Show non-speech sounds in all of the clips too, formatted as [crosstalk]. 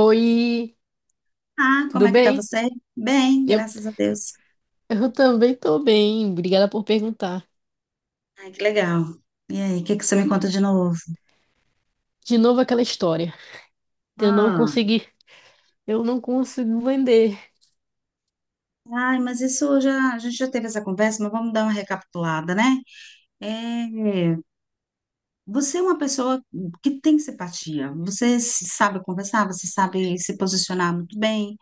Oi, Ah, como tudo é que tá bem? você? Bem, Eu, graças a Deus. eu também tô bem, obrigada por perguntar. Ai, que legal. E aí, o que que você me conta de novo? De novo aquela história de eu não Ah, conseguir, eu não consigo vender. ai, mas isso já, a gente já teve essa conversa, mas vamos dar uma recapitulada, né? É, você é uma pessoa que tem simpatia, você se sabe conversar, você sabe se posicionar muito bem.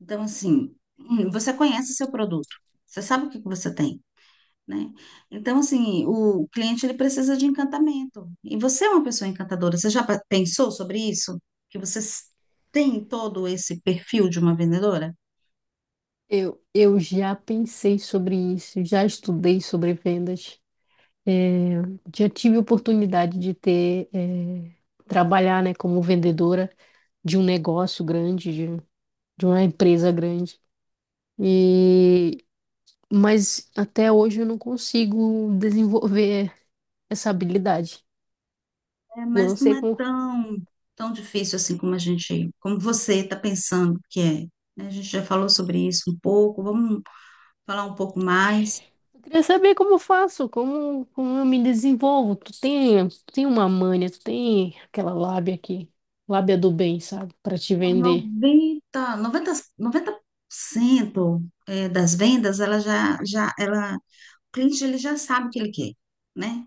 Então, assim, você conhece seu produto, você sabe o que que você tem. Né? Então, assim, o cliente ele precisa de encantamento. E você é uma pessoa encantadora. Você já pensou sobre isso? Que você tem todo esse perfil de uma vendedora? Eu já pensei sobre isso, já estudei sobre vendas, já tive oportunidade de ter, trabalhar, né, como vendedora de um negócio grande, de uma empresa grande. E, mas até hoje eu não consigo desenvolver essa habilidade. É, E eu não mas não sei é como tão difícil assim como a gente, como você está pensando que é. Né? A gente já falou sobre isso um pouco. Vamos falar um pouco mais. Queria saber como eu faço, como eu me desenvolvo. Tu tem uma manha, tu tem aquela lábia aqui, lábia do bem, sabe? Pra te vender. noventa noventa 90, 90% é, das vendas, ela já, já, ela, o cliente ele já sabe o que ele quer, né?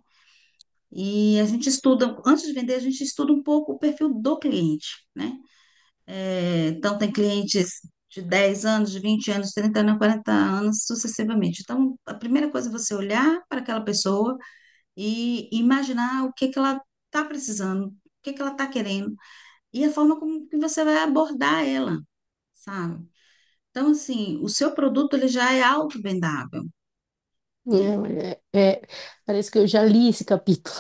E a gente estuda, antes de vender, a gente estuda um pouco o perfil do cliente, né? É, então, tem clientes de 10 anos, de 20 anos, 30 anos, 40 anos, sucessivamente. Então, a primeira coisa é você olhar para aquela pessoa e imaginar o que que ela está precisando, o que que ela está querendo, e a forma como que você vai abordar ela, sabe? Então, assim, o seu produto ele já é auto-vendável, né? É, é- é, Parece que eu já li esse capítulo,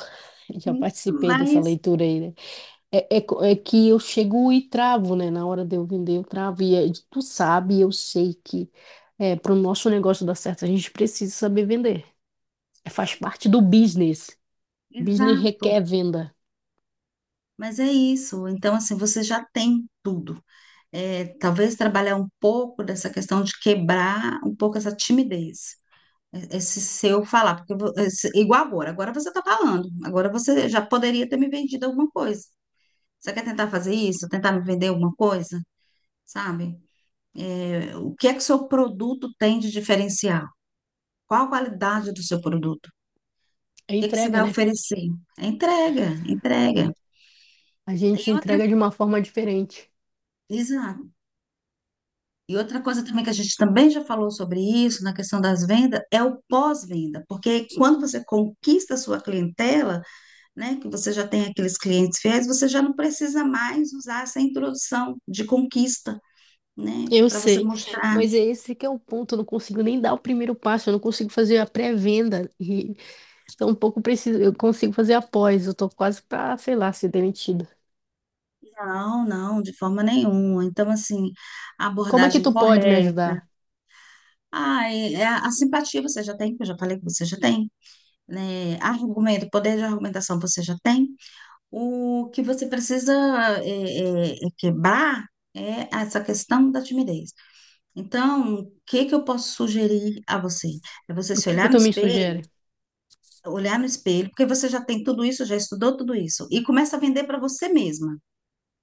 [laughs] já participei dessa Mas, leitura aí, né? É que eu chego e travo, né? Na hora de eu vender, eu travo. Tu sabe, eu sei que para o nosso negócio dar certo, a gente precisa saber vender. É, faz parte do business. Business exato. requer venda. Mas é isso. Então, assim, você já tem tudo. É, talvez trabalhar um pouco dessa questão de quebrar um pouco essa timidez. Esse seu falar, porque igual agora, agora você está falando, agora você já poderia ter me vendido alguma coisa. Você quer tentar fazer isso, tentar me vender alguma coisa, sabe? É, o que é que o seu produto tem de diferencial? Qual a qualidade do seu produto? O É que é que você entrega, vai né? oferecer? É entrega, entrega. A E gente outra, entrega de uma forma diferente. exato. E outra coisa também que a gente também já falou sobre isso, na questão das vendas, é o pós-venda, porque quando você conquista a sua clientela, né, que você já tem aqueles clientes fiéis, você já não precisa mais usar essa introdução de conquista, né, Eu para você sei, mostrar. mas é esse que é o ponto. Eu não consigo nem dar o primeiro passo, eu não consigo fazer a pré-venda e tampouco preciso, eu consigo fazer a pós. Eu tô quase pra, sei lá, ser demitida. Não, não, de forma nenhuma. Então, assim, a Como é que abordagem tu pode me correta, ajudar? ah, e a simpatia você já tem, que eu já falei que você já tem, né, argumento, poder de argumentação você já tem. O que você precisa é quebrar é essa questão da timidez. Então, o que que eu posso sugerir a você? É você O se que que olhar no tu me sugere? espelho, olhar no espelho, porque você já tem tudo isso, já estudou tudo isso, e começa a vender para você mesma.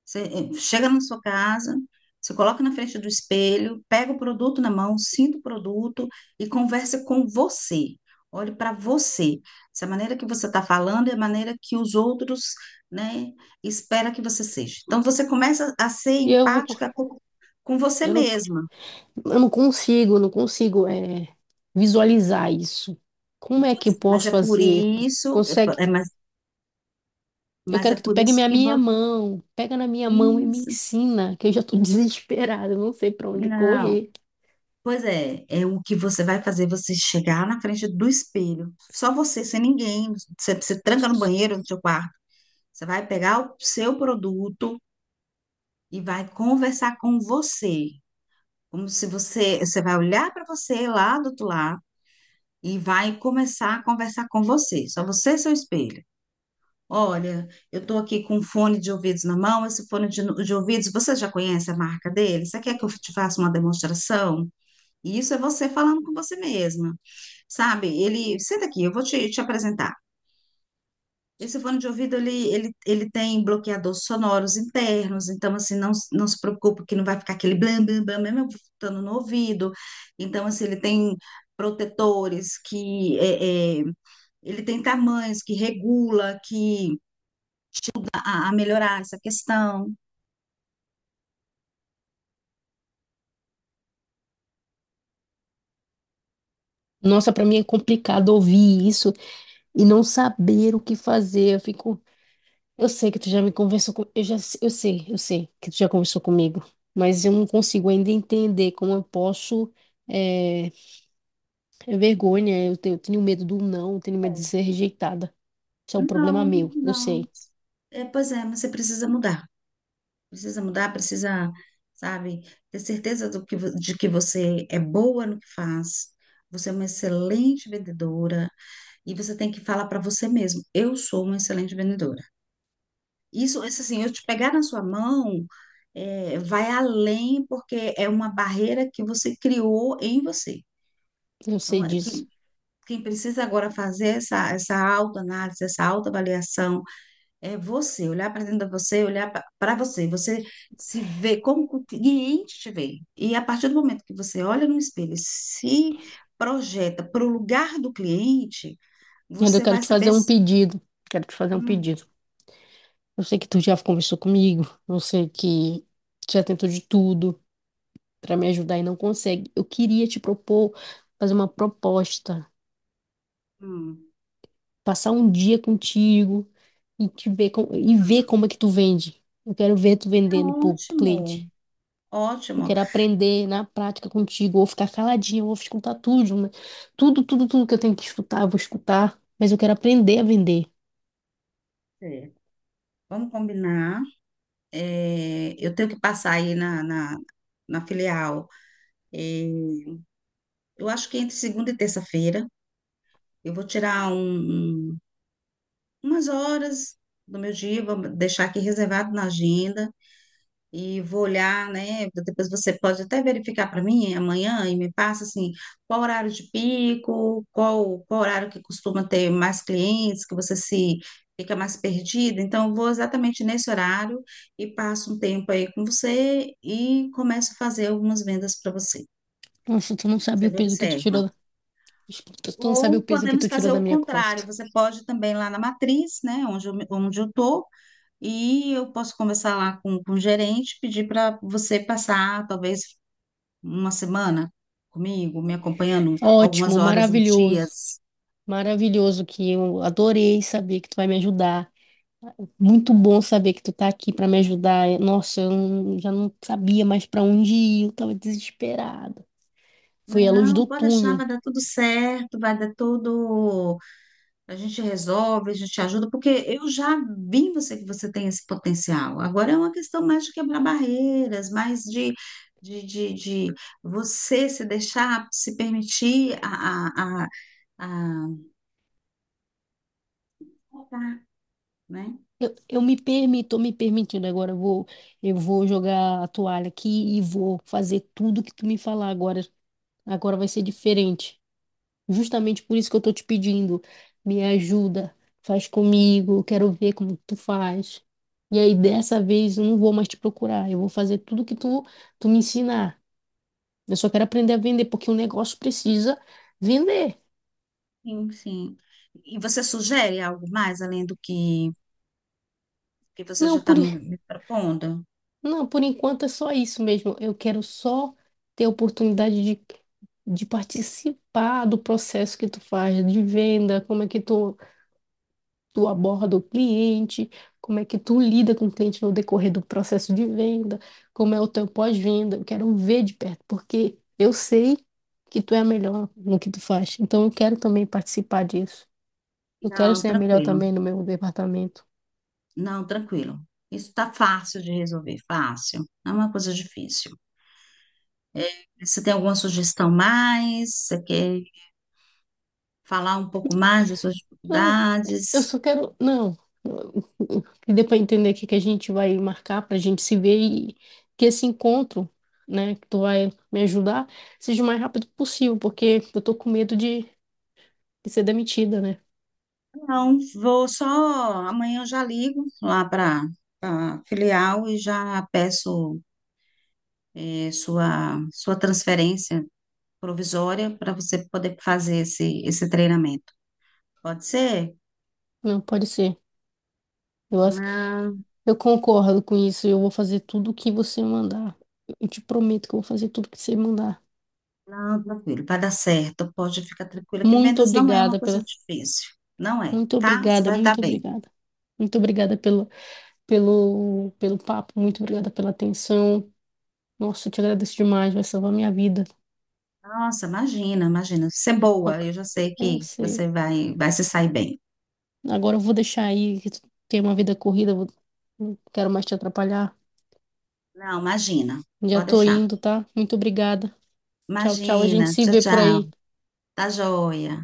Você chega na sua casa, você coloca na frente do espelho, pega o produto na mão, sinta o produto e conversa com você. Olhe para você. Se a maneira que você está falando é a maneira que os outros, né, espera que você seja. Então você começa a ser E eu vou, empática com você eu não, mesma. eu não consigo, visualizar isso. Como é que eu Mas posso é por fazer? isso, Consegue Eu quero é que tu por pegue isso minha que minha você. mão, pega na minha mão e me Isso. ensina, que eu já tô [laughs] desesperada, eu não sei pra onde Não. correr. Pois é, é o que você vai fazer você chegar na frente do espelho. Só você, sem ninguém. Você tranca no banheiro, no seu quarto. Você vai pegar o seu produto e vai conversar com você. Como se você vai olhar para você lá do outro lado e vai começar a conversar com você. Só você e seu espelho. Olha, eu estou aqui com um fone de ouvidos na mão. Esse fone de ouvidos, você já conhece a marca dele? Você quer que eu te faça uma demonstração? E isso é você falando com você mesma. Sabe, ele, senta aqui, eu vou te apresentar. Esse fone de ouvido, ele tem bloqueadores sonoros internos, então, assim, não, não se preocupe que não vai ficar aquele blam, blam, blam, mesmo eu botando no ouvido. Então, assim, ele tem protetores que, ele tem tamanhos que regula, que, a melhorar essa questão. Nossa, pra mim Não é complicado ouvir isso e não saber o que fazer. Eu sei que tu já me conversou com, eu já, eu sei que tu já conversou comigo, mas eu não consigo ainda entender como eu posso. É, é vergonha, eu tenho medo do não, eu tenho medo de é. ser rejeitada. Isso é um problema Não, meu, não. É, pois é, mas você precisa mudar. Precisa mudar, precisa, sabe, ter certeza do que, de que você é boa no que faz. Você é uma excelente vendedora e você tem que falar para você mesmo, eu sou uma excelente vendedora. Isso assim, eu te pegar na sua mão, é, vai além porque é uma barreira que você criou em você. eu sei Então, é, disso. quem precisa agora fazer essa autoanálise, essa autoavaliação, é você, olhar para dentro de você, olhar para você, você se vê como o cliente te vê. E a partir do momento que você olha no espelho, e se projeta para o lugar do cliente, Ainda eu você quero vai te fazer saber um se. pedido, quero te fazer um Hum, pedido. Eu sei que tu já conversou comigo, eu sei que tu já tentou de tudo pra me ajudar e não consegue. Eu queria te propor fazer uma proposta, hum. passar um dia contigo e e ver como é que tu vende. Eu quero ver tu Ah, vendendo pro ótimo, cliente. Eu ótimo. quero aprender na prática contigo, ou ficar caladinha, ou escutar tudo, né? Tudo, tudo, tudo que eu tenho que escutar, eu vou escutar, mas eu quero aprender a vender. Certo. Vamos combinar. É, eu tenho que passar aí na filial. É, eu acho que entre segunda e terça-feira eu vou tirar umas horas do meu dia, vou deixar aqui reservado na agenda e vou olhar, né? Depois você pode até verificar para mim amanhã e me passa assim, qual horário de pico, qual horário que costuma ter mais clientes, que você se fica mais perdida. Então, eu vou exatamente nesse horário e passo um tempo aí com você e começo a fazer algumas vendas para você. Nossa, tu não sabe Você o me peso que tu tirou, observa. da- tu não sabe o Ou peso que podemos tu tirou fazer da o minha contrário, costa. você pode também lá na matriz, né, onde eu tô. E eu posso conversar lá com o gerente, pedir para você passar talvez uma semana comigo, me acompanhando algumas Ótimo, horas, uns maravilhoso, dias. maravilhoso que eu adorei saber que tu vai me ajudar. Muito bom saber que tu tá aqui para me ajudar. Nossa, eu não- já não sabia mais para onde ir, eu tava desesperada. Foi a luz do Não, pode deixar, túnel. vai dar tudo certo, vai dar tudo. A gente resolve, a gente ajuda, porque eu já vi em você que você tem esse potencial. Agora é uma questão mais de quebrar barreiras, mais de, de, de você se deixar, se permitir a... Tá, né? Eu me permito, tô me permitindo agora, eu vou jogar a toalha aqui e vou fazer tudo que tu me falar agora. Agora vai ser diferente. Justamente por isso que eu tô te pedindo, me ajuda, faz comigo, quero ver como tu faz. E aí dessa vez eu não vou mais te procurar, eu vou fazer tudo que tu me ensinar. Eu só quero aprender a vender porque o negócio precisa vender. Sim, sim. E você sugere algo mais além do que você Não, já está por me, en- me propondo? não, por enquanto é só isso mesmo. Eu quero só ter a oportunidade de participar do processo que tu faz de venda, como é que tu aborda o cliente, como é que tu lida com o cliente no decorrer do processo de venda, como é o teu pós-venda. Eu quero ver de perto, porque eu sei que tu é a melhor no que tu faz. Então eu quero também participar disso. Eu quero Não, ser a melhor tranquilo. também no meu departamento. Não, tranquilo. Isso está fácil de resolver, fácil. Não é uma coisa difícil. Você tem alguma sugestão mais? Você quer falar um pouco mais das suas Não, eu dificuldades? só quero. Não. Que dê para entender o que que a gente vai marcar para a gente se ver e que esse encontro, né, que tu vai me ajudar, seja o mais rápido possível, porque eu tô com medo de ser demitida, né? Não, vou só. Amanhã eu já ligo lá para a filial e já peço sua transferência provisória para você poder fazer esse treinamento. Pode ser? Não, pode ser. Eu acho, Não, eu concordo com isso. Eu vou fazer tudo o que você mandar. Eu te prometo que eu vou fazer tudo o que você mandar. não, tranquilo, vai dar certo. Pode ficar tranquila que Muito vendas não é uma obrigada coisa pela, difícil. Não é, muito tá? Você obrigada, vai dar muito bem. obrigada. Muito obrigada pelo, pelo papo, muito obrigada pela atenção. Nossa, eu te agradeço demais, vai salvar minha vida. Nossa, imagina, imagina. Ser boa, Ag- eu já sei Eu que sei. você vai se sair bem. Agora eu vou deixar aí, que tu tem uma vida corrida, não quero mais te atrapalhar. Não, imagina. Já Pode tô deixar. indo, tá? Muito obrigada. Tchau, tchau. A Imagina. gente se Tchau, vê por tchau. aí. Tá joia.